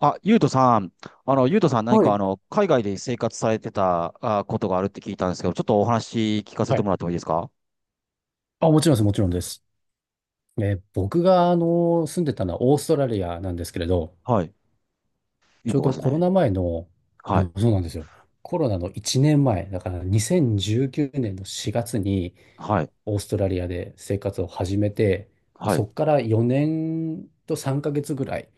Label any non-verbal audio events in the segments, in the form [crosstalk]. あ、ゆうとさん、ゆうとさん何はかい。海外で生活されてたあことがあるって聞いたんですけど、ちょっとお話聞かせはてもい。らってもいいですか？あ、もちろんです、もちろんです。僕が、住んでたのはオーストラリアなんですけれど、はい。いいちょうとこどですコロね。ナ前の、うはい。ん、そうなんですよ。コロナの1年前、だから2019年の4月にはい。オーストラリアで生活を始めて、はそい。こから4年と3ヶ月ぐらい、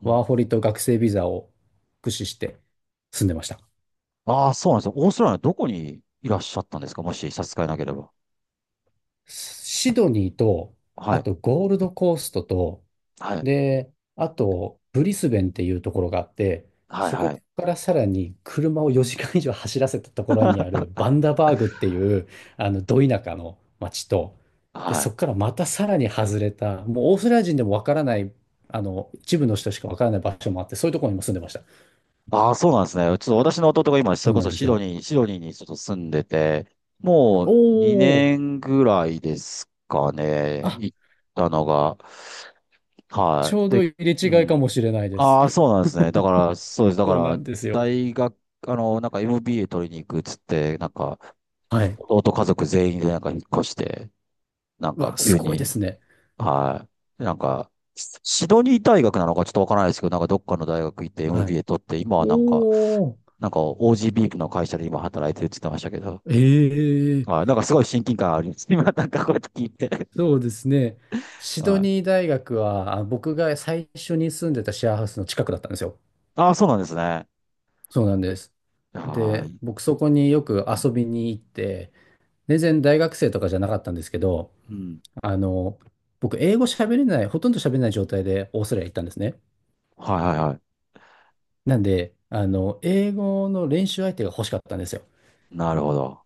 うワーん。ホリと学生ビザを駆使して住んでました。ああ、そうなんですよ。オーストラリアのどこにいらっしゃったんですか？もし差し支えなければ。シドニーと、はあい。とゴールドコーストと、はい。で、あと、ブリスベンっていうところがあって、はい。そこはかい。らさらに車を4時間以上走らせたところにあるバンダバーグっていう、ど田舎の町と、で、はそい。こからまたさらに外れた、もうオーストラリア人でもわからない、一部の人しかわからない場所もあって、そういうところにも住んでました。ああ、そうなんですね。ちょっと私の弟が今、それそうこなんそでシすドよ。ニー、シドニーにちょっと住んでて、もおうお、2年ぐらいですかね。あ、行ったのが。ちはょうい。で、ど入れう違いかん。もしれないです。ああ、そうなんですね。だから、そうです。だかそうなら、んですよ。大学、なんか MBA 取りに行くっつって、なんか、はい。弟家族全員でなんか引っ越して、なんうかわ、す急ごいでに。すね。はい。なんか、シシドニー大学なのかちょっとわからないですけど、なんかどっかの大学行って はい。MBA 取って、今はなんか、おー。なんか OGB の会社で今働いてるって言ってましたけど、ええ、はい。なんかすごい親近感あります。[laughs] 今なんかこうやって聞いて。そうですね。シドはい。ニー大学は、あ僕が最初に住んでたシェアハウスの近くだったんですよ。ああ、そうなんですね。そうなんです。はで、い。僕そこによく遊びに行って、全然大学生とかじゃなかったんですけど、うん。あの、僕英語喋れない、ほとんど喋れない状態でオーストラリア行ったんですね。はい、はい、はなんで、英語の練習相手が欲しかったんですよ。い。なるほど。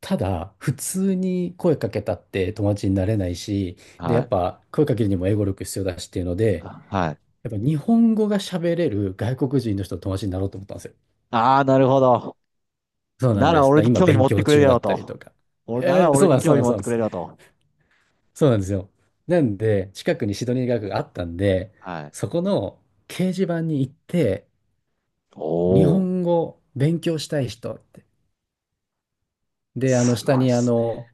ただ、普通に声かけたって友達になれないし、で、はやっい。ぱ声かけるにも英語力必要だしっていうので、あ、はい。やっぱ日本語が喋れる外国人の人と友達になろうと思ったんですよ。ああ、なるほど。そうなんなでらす。だか俺らに今興味勉持って強くれる中やだろったりと。とか。俺ならそ俺うなにんです、そ興う味なんです、持っそうなてんでくれす。るやろと。そうなんですよ。なんで、近くにシドニー大学があったんで、はい。そこの掲示板に行って、お日お。本語勉強したい人って。で、す下ごいでにすね。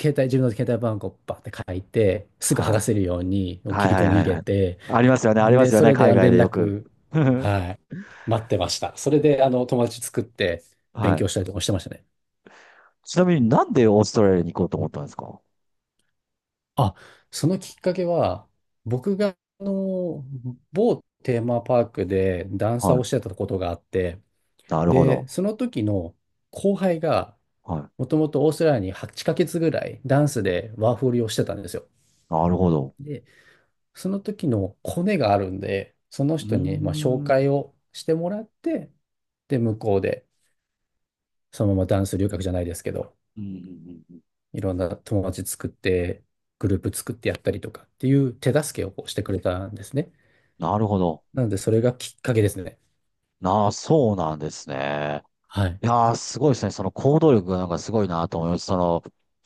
携帯、自分の携帯番号をバーって書いて、すぐは剥がせるい。ように切はい、りは込い、みは入い、れはい。て、ありますよね、ありまで、すよそね、れで海外連でよく。絡、[laughs] はい、待ってました。それで、友達作って勉はい。強したりとかしてましたね。ちなみになんでオーストラリアに行こうとう思ん、ったんですか？あ、そのきっかけは、僕が、某テーマパークでダンサはーをしてい。たことがあって、なるほど。で、その時の後輩が、はい。もともとオーストラリアに8ヶ月ぐらいダンスでワーホリをしてたんですよ。なるほど。で、その時のコネがあるんで、そのうーん。人にまあ紹うん、介をしてもらって、で、向こうでそのままダンス留学じゃないですけど、うん、うん、うん。いろんな友達作って、グループ作ってやったりとかっていう手助けをこうしてくれたんですね。なるほど。なので、それがきっかけですね。なあ、そうなんですね。はい。いやー、すごいですね。その行動力がなんかすごいなと思います。その、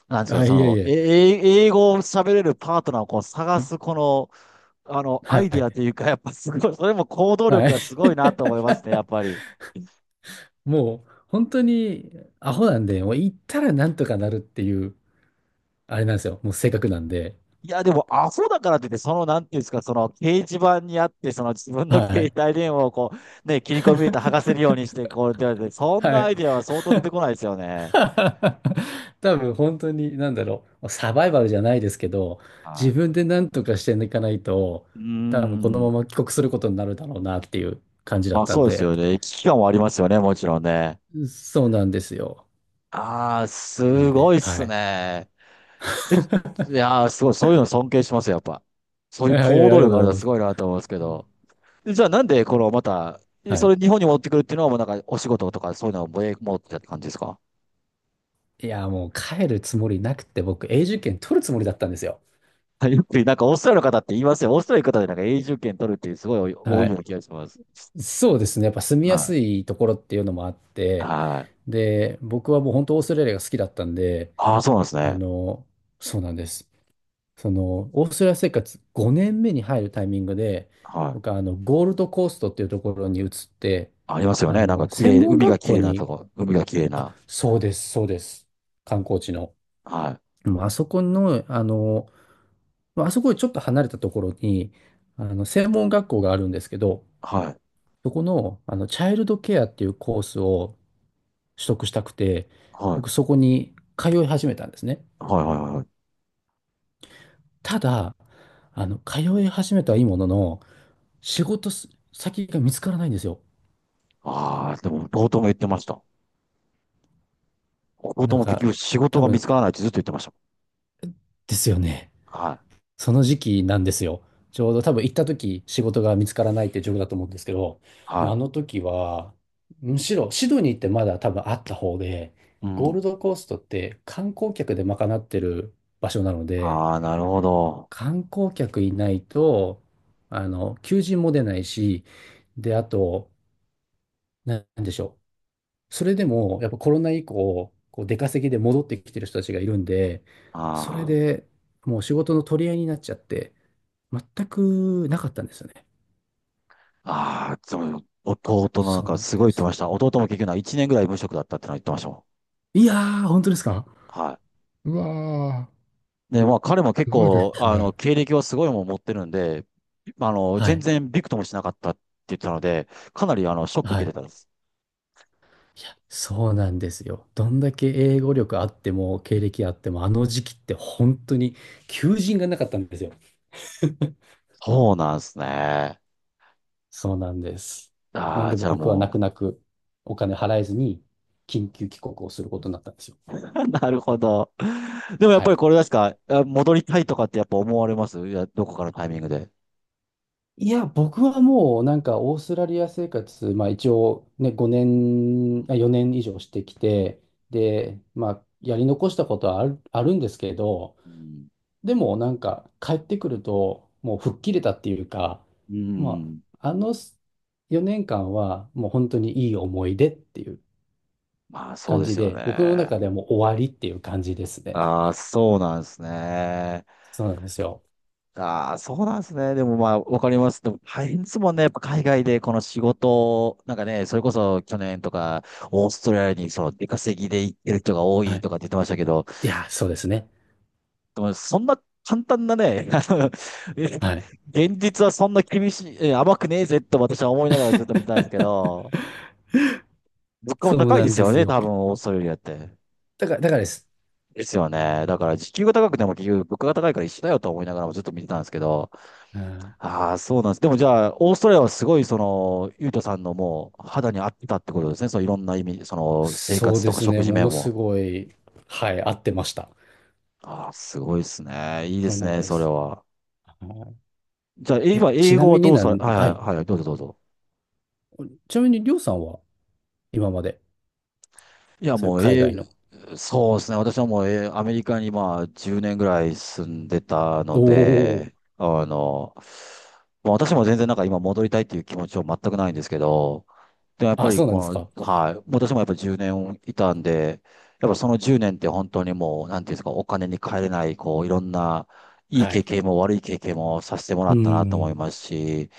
なんですか、あ、そいえいの、え、え。え英語を喋れるパートナーをこう探す、この、はアイデアい。というか、やっぱすごい、それも行動は力い。がすごいなと思いますね、やっぱ [laughs] り。もう、本当にアホなんで、もう行ったらなんとかなるっていう、あれなんですよ。もう性格なんで。いや、でも、アホだからといって、その、なんていうんですか、その、掲示板にあって、その、自分のは携い。帯電話をこう、ね、切り込み入れて剥がせるようにし [laughs] て、こう、って言われて、そんはなアい。イデアは相当出てこないですよね。[laughs] 多分本当に、なんだろう、サバイバルじゃないですけど、自は分で何とかしていかないと、い。う多分このーまん。ま帰国することになるだろうなっていう感じだまっあ、たそんうですで、よね。危機感はありますよね、もちろんね。そうなんですよ。ああ、なんすで、ごいっはすい。ね。[laughs] えい [laughs] やー、すごい、そういうの尊敬します、やっぱ。そういいうやい行や、あ動りがと力あるうのはございますす。ごいなと思うんですけうん、ど。でじゃあ、なんで、この、また、えはそい。れ日本に持ってくるっていうのは、もうなんか、お仕事とか、そういうのを持持ってたって感じですか？いや、もう帰るつもりなくて、僕、永住権取るつもりだったんですよ。はい。 [laughs] よく、なんか、オーストラリアの方って言いますよ。オーストラリアの方で、なんか、永住権取るっていう、すごい多はいようい。な気がします。そうですね。やっぱ住みやはすいところっていうのもあっい。て、はい。で、僕はもう本当オーストラリアが好きだったんで、ああ、そうなんですあね。の、そうなんです。その、オーストラリア生活5年目に入るタイミングで、は僕い。はゴールドコーストっていうところに移って、ありますよね。なんか、綺専麗、門海が学綺校麗なとに、こ。海が綺麗あ、な。そうです、そうです。観光地の。はい。もうあそこの、まああそこよりちょっと離れたところに、専門学校があるんですけど、はい。そこの、チャイルドケアっていうコースを取得したくて、はい。僕そこに通い始めたんですね。はい、はい、はい。ただ、通い始めたはいいものの、仕事す先が見つからないんですよ。ああ、でも、冒頭も言ってました。仕な事んも結か、局仕事多が見つ分、からないってずっと言ってましたですよね。もん。はい。その時期なんですよ。ちょうど多分行った時、仕事が見つからないって状況だと思うんですけど、もうあはの時は、むしろシドニーってまだ多分あった方で、い。うゴーん。ルドコーストって観光客で賄ってる場所なので、ああ、なるほど。観光客いないと、求人も出ないし、で、あと、なんでしょう。それでも、やっぱコロナ以降、こう出稼ぎで戻ってきてる人たちがいるんで、それあでもう仕事の取り合いになっちゃって、全くなかったんですよね。あ。ああ、そう、弟のなんそうかなんすでごい言ってす。ました。弟も結局な1年ぐらい無職だったってのは言ってましたもいやー、本当ですか？ん。はうわい。で、まあ彼も結ー、すごいで構、すね。経歴はすごいもん持ってるんで、は全い。然びくともしなかったって言ってたので、かなりあの、ショックは受けてい。たんです。いや、そうなんですよ。どんだけ英語力あっても、経歴あっても、あの時期って本当に求人がなかったんですよ。そうなんですね。そうなんです。なあんあ、でじゃあ僕は泣もくう。泣くお金払えずに緊急帰国をすることになったんですよ。[laughs] なるほど。でもやっはぱりい。これですか、あ、戻りたいとかってやっぱ思われます？いや、どこかのタイミングで。いや、僕はもうなんかオーストラリア生活、まあ一応ね、5年、あ4年以上してきて、で、まあやり残したことはある、あるんですけど、うん。でもなんか帰ってくるともう吹っ切れたっていうか、うまん。ああの4年間はもう本当にいい思い出っていうまあそう感でじすよで、僕のね。中ではもう終わりっていう感じですね。ああ、そうなんですね。そうなんですよ。ああ、そうなんですね。でもまあ、わかります。でも大変ですもんね。やっぱ海外でこの仕事を、なんかね、それこそ去年とか、オーストラリアにその出稼ぎで行ってる人が多はいい。とかって言ってましたけど、いや、そうですね。でもそんな簡単なね、あのえはい。現実はそんな厳しい、え甘くねえぜと私は思いながらずっと見てたんですけど、[laughs] 物価もそう高いなでんすでよすね、よ。多分、オーストラリアって。だから、だからです。ですよね。だから、時給が高くても結局物価が高いから一緒だよと思いながらもずっと見てたんですけど、うん。ああ、そうなんです。でもじゃあ、オーストラリアはすごい、その、ゆうとさんのもう肌に合ってたってことですね。そういろんな意味、その、生そう活とでかす食ね。事も面のすも。ごい、はい、合ってました。ああ、すごいですね。いいでそうすなんね、でそれす。は。あの、じゃあ、ええ、今、ち英な語はみにどうなされ、はん、い。はい。はい、はい、どうぞどうぞ。ちなみに、りょうさんは今まで、いや、そういもうう、海外の。そうですね。私はもう、アメリカにまあ、10年ぐらい住んでたおのお、で、まあ私も全然なんか今戻りたいっていう気持ちは全くないんですけど、で、やっぱあ、りそうなんですこか。の、はい、私もやっぱ10年いたんで、やっぱその10年って本当にもう、なんていうんですか、お金に換えれない、こう、いろんな、いいは経い。験も悪い経験もさせてもうらーったなと思いん。ますし、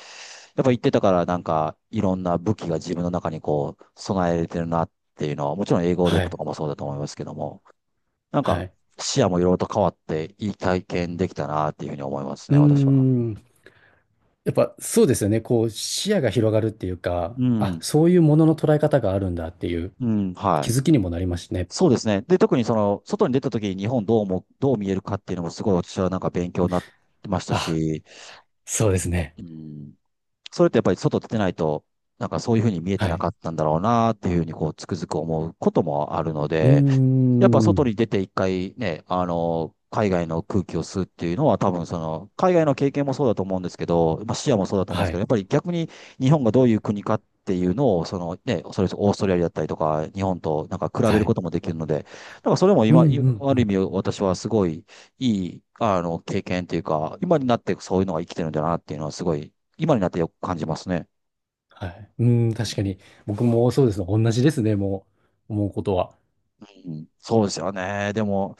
やっぱ行ってたからなんか、いろんな武器が自分の中にこう、備えれてるなっていうのは、もちろん英語は力とい。かもそうだと思いますけども、なんはか、い。視野もいろいろと変わって、いい体験できたなっていうふうに思いますうーね、私は。ん。やっぱそうですよね。こう、視野が広がるっていうか、うあ、ん、そういうものの捉え方があるんだっていう。うん、気はい。づきにもなりますしね。そうですね。で、特にその、外に出た時に日本どう見えるかっていうのもすごい私はなんか勉強になってましたあ、し、そうですね。うん、それってやっぱり外出てないと、なんかそういうふうに見えてはない。かったんだろうなっていうふうにこう、つくづく思うこともあるのうーで、やっぱ外ん。に出て一回ね、海外の空気を吸うっていうのは多分その、海外の経験もそうだと思うんですけど、まあ視野もそうだと思うんではすけど、い。やっぱり逆に日本がどういう国かっていうのを、そのね、それこそオーストラリアだったりとか、日本となんか比べはるい。こともできるので、なんかそれもうんう今、んいあうる意ん。味私はすごいいい、経験っていうか、今になってそういうのが生きてるんだなっていうのはすごい、今になってよく感じますね。はい。うーん、確かに。僕もそうですね。同じですね。もう、思うことは。うん、そうですよね。でも、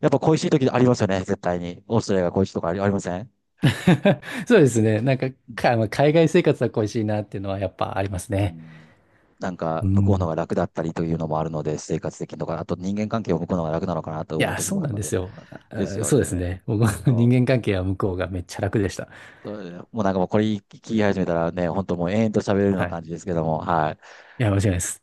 やっぱ恋しい時ありますよね、絶対に。オーストラリアが恋しいとかありません？ [laughs] そうですね。なんか、か、まあ海外生活は恋しいなっていうのはやっぱありますうね。ん。なんか、う向こうのん。が楽だったりというのもあるので、生活的とか、あと人間関係を向こうのが楽なのかなとい思うや、時そうもあなるんのですで、よ。ですあよそうですね。ね。僕の人そう間関係は向こうがめっちゃ楽でした。そう、ね。もうなんかもうこれ聞き始めたらね、本当もう延々と喋れるようなはい。感じですけども、はい。いや、間違いないです。